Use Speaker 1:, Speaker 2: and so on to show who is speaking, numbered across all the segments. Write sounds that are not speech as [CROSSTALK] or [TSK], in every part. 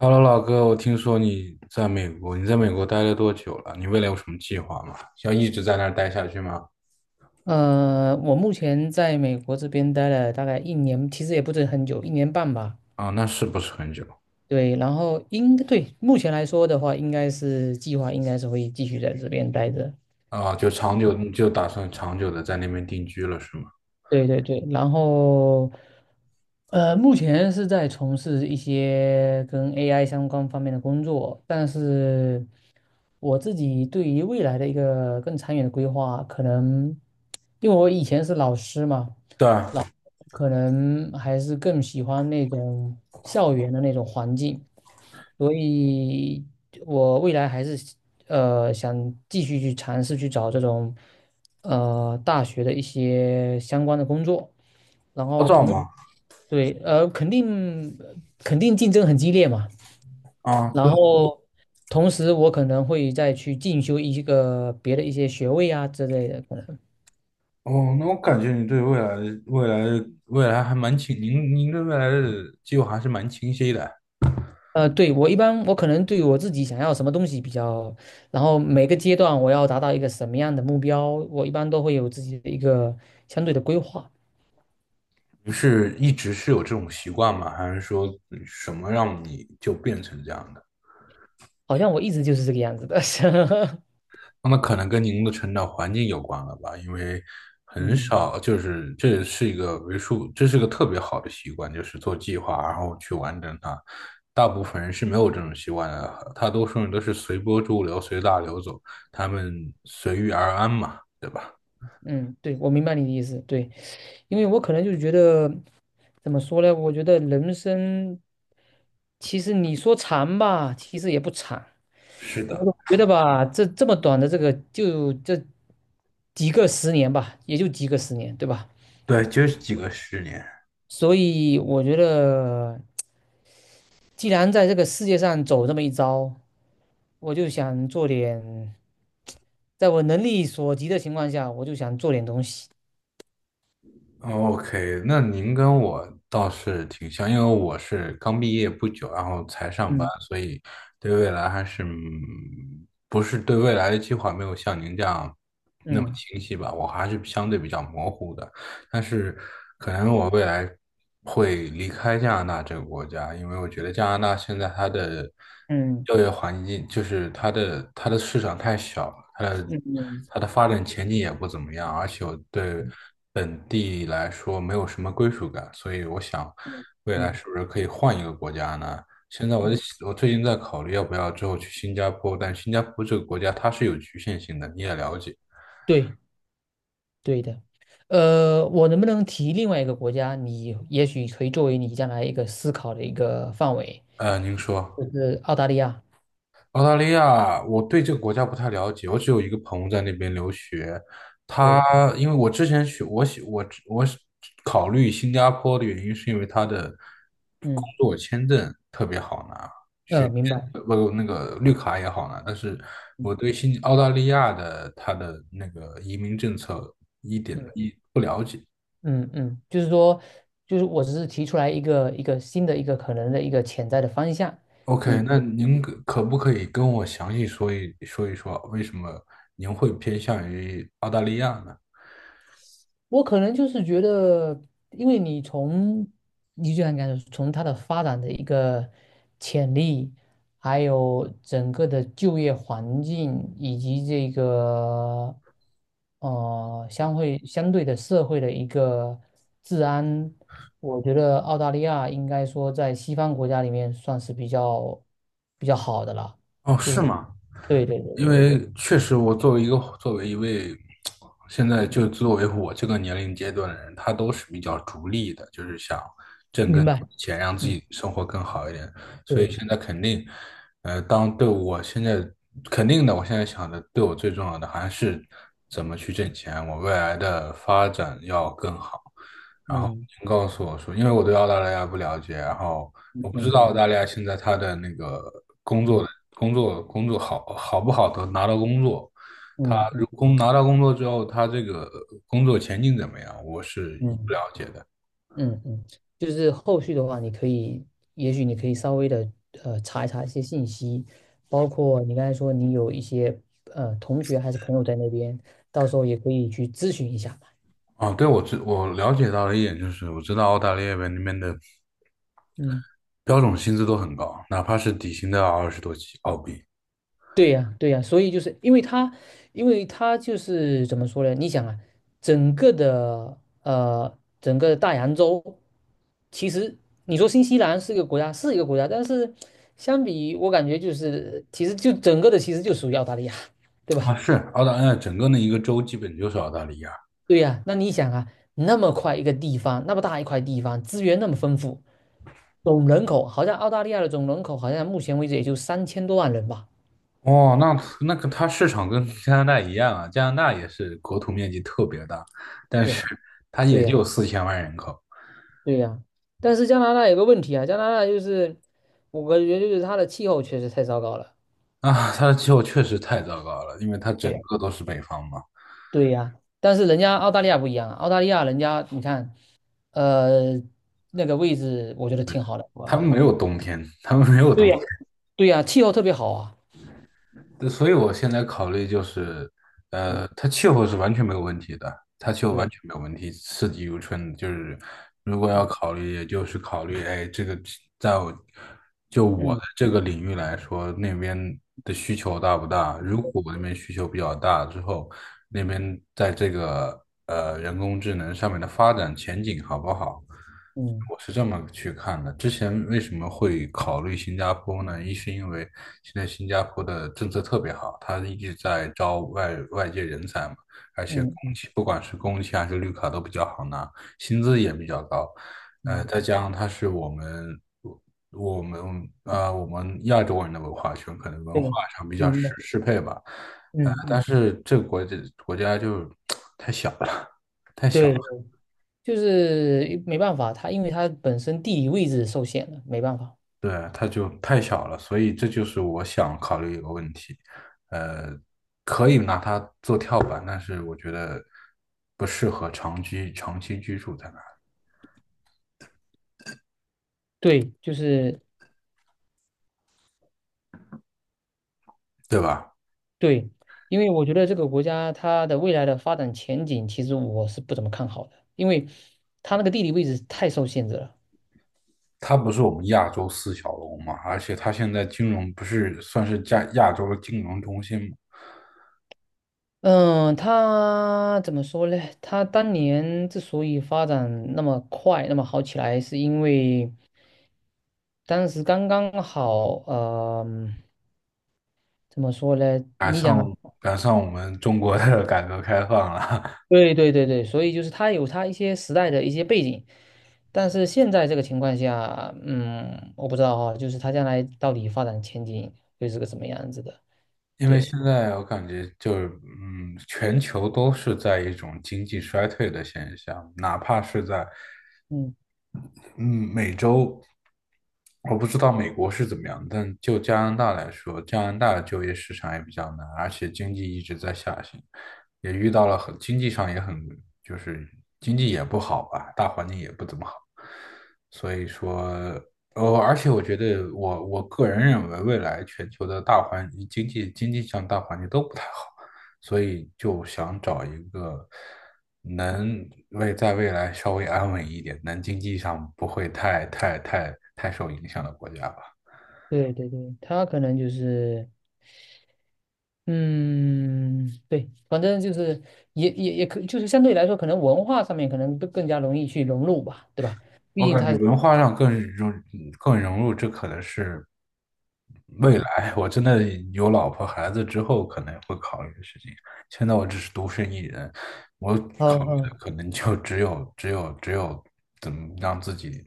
Speaker 1: Hello，老哥，我听说你在美国，你在美国待了多久了？你未来有什么计划吗？要一直在那儿待下去吗？
Speaker 2: 我目前在美国这边待了大概一年，其实也不是很久，一年半吧。
Speaker 1: 啊，那是不是很久？
Speaker 2: 对，然后应对目前来说的话，应该是会继续在这边待着。
Speaker 1: 啊，就长久，你就打算长久的在那边定居了，是吗？
Speaker 2: 对对对，然后目前是在从事一些跟 AI 相关方面的工作，但是我自己对于未来的一个更长远的规划，可能因为我以前是老师嘛。
Speaker 1: 对。
Speaker 2: 老可能还是更喜欢那种校园的那种环境，所以我未来还是想继续去尝试去找这种大学的一些相关的工作，然
Speaker 1: 好
Speaker 2: 后
Speaker 1: 找吗？
Speaker 2: 对，肯定竞争很激烈嘛，
Speaker 1: 啊，
Speaker 2: 然
Speaker 1: 对。
Speaker 2: 后同时我可能会再去进修一个别的一些学位啊之类的，可能。
Speaker 1: 哦，那我感觉你对未来的未来还蛮清，您对未来的计划还是蛮清晰的。
Speaker 2: 对，我一般我可能对我自己想要什么东西比较，然后每个阶段我要达到一个什么样的目标，我一般都会有自己的一个相对的规划。
Speaker 1: 你是一直是有这种习惯吗？还是说什么让你就变成这样的？
Speaker 2: 好像我一直就是这个样子的。[LAUGHS]
Speaker 1: 那么可能跟您的成长环境有关了吧，因为很
Speaker 2: 嗯
Speaker 1: 少，就是这是一个为数，这是个特别好的习惯，就是做计划，然后去完成它。大部分人是没有这种习惯的，大多数人都是随波逐流、随大流走，他们随遇而安嘛，对吧？
Speaker 2: 嗯，对，我明白你的意思，对，因为我可能就觉得，怎么说呢？我觉得人生其实你说长吧，其实也不长。
Speaker 1: 是
Speaker 2: 我
Speaker 1: 的。
Speaker 2: 总觉得吧，这么短的这个，就这几个十年吧，也就几个十年，对吧？
Speaker 1: 对，就是几个十年。
Speaker 2: 所以我觉得，既然在这个世界上走这么一遭，我就想做点，在我能力所及的情况下，我就想做点东西。
Speaker 1: OK，那您跟我倒是挺像，因为我是刚毕业不久，然后才上班，
Speaker 2: 嗯
Speaker 1: 所以对未来还是嗯不是对未来的计划没有像您这样那么
Speaker 2: 嗯
Speaker 1: 清晰吧，我还是相对比较模糊的。但是可能我未来会离开加拿大这个国家，因为我觉得加拿大现在它的
Speaker 2: 嗯
Speaker 1: 就业环境，就是它的市场太小了，它的
Speaker 2: 嗯嗯
Speaker 1: 它的发展前景也不怎么样，而且我对
Speaker 2: 嗯
Speaker 1: 本地来说没有什么归属感，所以我想
Speaker 2: 嗯
Speaker 1: 未来
Speaker 2: 嗯，
Speaker 1: 是不是可以换一个国家呢？现在我在
Speaker 2: 嗯，
Speaker 1: 我最近在考虑要不要之后去新加坡，但新加坡这个国家它是有局限性的，你也了解。
Speaker 2: 对，对的。我能不能提另外一个国家？你也许可以作为你将来一个思考的一个范围，
Speaker 1: 您说。
Speaker 2: 就是澳大利亚。
Speaker 1: 澳大利亚，我对这个国家不太了解，我只有一个朋友在那边留学。他
Speaker 2: 对，
Speaker 1: 因为我之前去，我喜我我是考虑新加坡的原因，是因为他的工
Speaker 2: 嗯，
Speaker 1: 作签证特别好拿，
Speaker 2: 明白。
Speaker 1: 不那个绿卡也好拿。但是
Speaker 2: 嗯
Speaker 1: 我对新澳大利亚的他的那个移民政策一点
Speaker 2: 嗯
Speaker 1: 一不了解。
Speaker 2: 嗯嗯，就是说，就是我只是提出来一个新的一个可能的一个潜在的方向。
Speaker 1: OK，
Speaker 2: 你
Speaker 1: 那您可不可以跟我详细说一说，为什么您会偏向于澳大利亚呢？
Speaker 2: 我可能就是觉得，因为你就像你讲，从它的发展的一个潜力，还有整个的就业环境，以及这个相对的社会的一个治安，我觉得澳大利亚应该说在西方国家里面算是比较好的了。
Speaker 1: 哦，
Speaker 2: 就
Speaker 1: 是
Speaker 2: 是
Speaker 1: 吗？
Speaker 2: 对对对
Speaker 1: 因
Speaker 2: 对对，
Speaker 1: 为确实，我作为一位现在就作为我这个年龄阶段的人，他都是比较逐利的，就是想挣更
Speaker 2: 明
Speaker 1: 多
Speaker 2: 白。
Speaker 1: 的钱，让自
Speaker 2: 嗯，
Speaker 1: 己生活更好一点。所以
Speaker 2: 对，
Speaker 1: 现在肯定，我现在肯定的，我现在想的，对我最重要的还是怎么去挣钱，我未来的发展要更好。然后
Speaker 2: 嗯
Speaker 1: 您告诉我说，因为我对澳大利亚不了解，然后我
Speaker 2: 嗯
Speaker 1: 不知道澳
Speaker 2: 嗯
Speaker 1: 大利亚现在他的那个工作的
Speaker 2: 嗯
Speaker 1: 工作好不好的拿到工作，他
Speaker 2: 嗯
Speaker 1: 如
Speaker 2: 嗯。
Speaker 1: 工拿到工作之后，他这个工作前景怎么样，我是一不了
Speaker 2: 嗯
Speaker 1: 解的。
Speaker 2: 嗯嗯，就是后续的话，你可以，也许你可以稍微的查一查一些信息，包括你刚才说你有一些同学还是朋友在那边，到时候也可以去咨询一下嘛。
Speaker 1: 啊，对，我了解到了一点就是，我知道澳大利亚那边的
Speaker 2: 嗯，
Speaker 1: 标准薪资都很高，哪怕是底薪都要20多起澳币
Speaker 2: 对呀，对呀，所以就是因为他，就是怎么说呢？你想啊，整个大洋洲，其实你说新西兰是一个国家，是一个国家，但是相比我感觉就是其实就整个的其实就属于澳大利亚，对
Speaker 1: 啊。
Speaker 2: 吧？
Speaker 1: 是澳大利亚整个的一个州基本就是澳大利亚。
Speaker 2: 对呀，那你想啊，那么快一个地方，那么大一块地方，资源那么丰富，总人口好像澳大利亚的总人口好像目前为止也就三千多万人吧。
Speaker 1: 哦，那那个它市场跟加拿大一样啊，加拿大也是国土面积特别大，但是
Speaker 2: 对，
Speaker 1: 它
Speaker 2: 对
Speaker 1: 也
Speaker 2: 呀，
Speaker 1: 就4000万人口
Speaker 2: 对呀。但是加拿大有个问题啊，加拿大就是我感觉就是它的气候确实太糟糕了。
Speaker 1: 啊，它的气候确实太糟糕了，因为它
Speaker 2: 对
Speaker 1: 整
Speaker 2: 呀，
Speaker 1: 个都是北方嘛，
Speaker 2: 对呀。但是人家澳大利亚不一样啊，澳大利亚人家你看，呃，那个位置我觉得挺好的，我
Speaker 1: 他们没有冬天，他们没有
Speaker 2: 对
Speaker 1: 冬。
Speaker 2: 呀，对呀，气候特别好啊。
Speaker 1: 对所以我现在考虑就是，
Speaker 2: 嗯，
Speaker 1: 呃，它气候是完全没有问题的，它气候完
Speaker 2: 对，
Speaker 1: 全没有问题，四季如春。就是如果要
Speaker 2: 嗯
Speaker 1: 考虑，也就是考虑，哎，这个在我就我的
Speaker 2: 嗯
Speaker 1: 这个领域来说，那边的需求大不大？如果我那边需求比较大之后，那边在这个人工智能上面的发展前景好不好？
Speaker 2: 嗯
Speaker 1: 我是这么去看的。之前为什么会考虑新加坡呢？一是因为现在新加坡的政策特别好，它一直在招外界人才嘛，而且工
Speaker 2: 嗯嗯。
Speaker 1: 签不管是工签还是绿卡都比较好拿，薪资也比较高。呃，
Speaker 2: 嗯，
Speaker 1: 再加上它是我们啊、我们亚洲人的文化圈，可能文化
Speaker 2: 对，
Speaker 1: 上比较适
Speaker 2: 明白，
Speaker 1: 适配吧。呃，
Speaker 2: 嗯
Speaker 1: 但
Speaker 2: 嗯，
Speaker 1: 是这个国家就 [TSK] 太小了。
Speaker 2: 对，就是没办法，它因为它本身地理位置受限了，没办法。
Speaker 1: 对，它就太小了，所以这就是我想考虑一个问题。呃，可以拿它做跳板，但是我觉得不适合长居长期居住在那里，
Speaker 2: 对，就是
Speaker 1: 对吧？
Speaker 2: 对，因为我觉得这个国家它的未来的发展前景，其实我是不怎么看好的，因为它那个地理位置太受限制了。
Speaker 1: 它不是我们亚洲四小龙嘛，而且它现在金融不是算是亚洲的金融中心嘛，
Speaker 2: 嗯，它怎么说呢？它当年之所以发展那么快、那么好起来，是因为当时刚刚好，呃，怎么说呢？
Speaker 1: 赶
Speaker 2: 你想啊。
Speaker 1: 上赶上我们中国的 [LAUGHS] 改革开放了。
Speaker 2: 对对对对，所以就是它有它一些时代的一些背景，但是现在这个情况下，嗯，我不知道哈，就是它将来到底发展前景会是个什么样子的。
Speaker 1: [LAUGHS] 因为
Speaker 2: 对，
Speaker 1: 现在我感觉就是，嗯，全球都是在一种经济衰退的现象，哪怕是在
Speaker 2: 嗯，
Speaker 1: 嗯，美洲，我不知道美国是怎么样，但就加拿大来说，加拿大就业市场也比较难，而且经济一直在下行，也遇到了很，经济上也很，就是经济也不好吧，大环境也不怎么好，所以说，呃，而且我觉得我个人认为，未来全球的大环经济上大环境都不太好。所以就想找一个能为在未来稍微安稳一点，能经济上不会太受影响的国家吧。
Speaker 2: 对对对，它可能就是，嗯，对，反正就是也也也可，就是相对来说，可能文化上面可能更加容易去融入吧，对吧？毕
Speaker 1: 我
Speaker 2: 竟
Speaker 1: 感
Speaker 2: 它
Speaker 1: 觉
Speaker 2: 是，
Speaker 1: 文化上更融入，这可能是未
Speaker 2: 嗯，
Speaker 1: 来 [LAUGHS] 我真的有老婆孩子之后可能会考虑的事情。现在我只是独身一人，我考
Speaker 2: 好
Speaker 1: 虑
Speaker 2: 好，
Speaker 1: 的可能就只有怎么让自己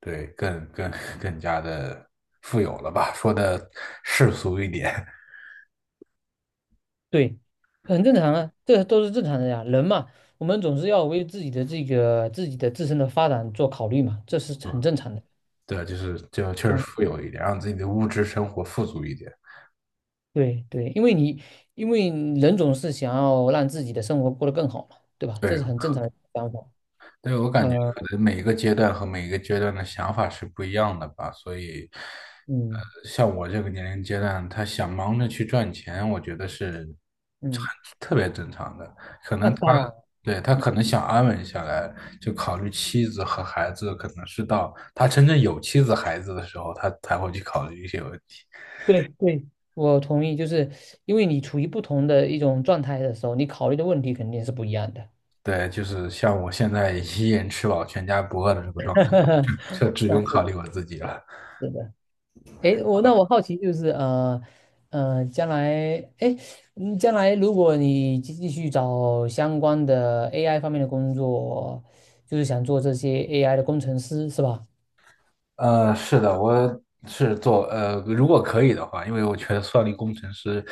Speaker 1: 对更更更加的富有了吧？说的世俗一点。
Speaker 2: 对，很正常啊，这都是正常的呀。人嘛，我们总是要为自己的自身的发展做考虑嘛，这是
Speaker 1: [LAUGHS]
Speaker 2: 很
Speaker 1: 嗯，
Speaker 2: 正常的。
Speaker 1: 对，就是就确实富
Speaker 2: 嗯，
Speaker 1: 有一点，让自己的物质生活富足一点。
Speaker 2: 对对，因为人总是想要让自己的生活过得更好嘛，对吧？
Speaker 1: 对。
Speaker 2: 这是很正常的想法。
Speaker 1: 对，我
Speaker 2: 嗯
Speaker 1: 感觉可能每一个阶段和每一个阶段的想法是不一样的吧，所以，
Speaker 2: 嗯
Speaker 1: 呃，像我这个年龄阶段，他想忙着去赚钱，我觉得是
Speaker 2: 嗯，
Speaker 1: 特别正常的。可
Speaker 2: 那
Speaker 1: 能他，
Speaker 2: 当然，
Speaker 1: 对，他
Speaker 2: 嗯，
Speaker 1: 可能想安稳下来，就考虑妻子和孩子，可能是到他真正有妻子孩子的时候，他才会去考虑一些问题。
Speaker 2: 对对，我同意，就是因为你处于不同的一种状态的时候，你考虑的问题肯定是不一样的。
Speaker 1: 对，就是像我现在 [LAUGHS] 一人吃饱全家不饿的这个状
Speaker 2: [LAUGHS]
Speaker 1: 态，[LAUGHS] 这只
Speaker 2: 那
Speaker 1: 用
Speaker 2: 是
Speaker 1: 考
Speaker 2: 的，
Speaker 1: 虑我自己了。
Speaker 2: 是的。诶，我好奇就是，将来，诶，将来如果你继续找相关的 AI 方面的工作，就是想做这些 AI 的工程师，是吧？
Speaker 1: 呃，是的，我是做呃，如果可以的话，因为我觉得算力工程师，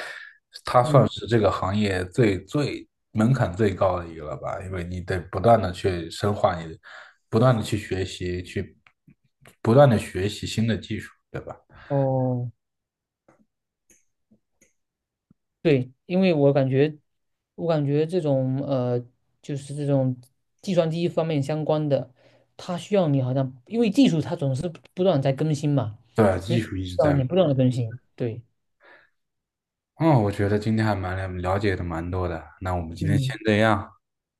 Speaker 1: 他算
Speaker 2: 嗯，
Speaker 1: 是这个行业最门槛最高的一个了吧，因为你得不断的去深化你的，不断的去学习，去不断的学习新的技术，对吧？
Speaker 2: 哦，对，因为我感觉，这种就是这种计算机方面相关的，它需要你好像，因为技术它总是不断地在更新嘛，
Speaker 1: 对，
Speaker 2: 你
Speaker 1: 技
Speaker 2: 需
Speaker 1: 术一直
Speaker 2: 要
Speaker 1: 在。
Speaker 2: 你不断的更新，对，
Speaker 1: 嗯，我觉得今天还蛮了解的蛮多的，那我们今天先这样，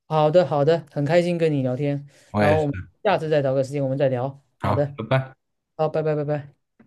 Speaker 2: 好的，好的，很开心跟你聊天，
Speaker 1: 我
Speaker 2: 然
Speaker 1: 也
Speaker 2: 后
Speaker 1: 是，
Speaker 2: 我们下次再找个时间我们再聊。好
Speaker 1: 好，
Speaker 2: 的，
Speaker 1: 拜拜。
Speaker 2: 好，拜拜，拜拜。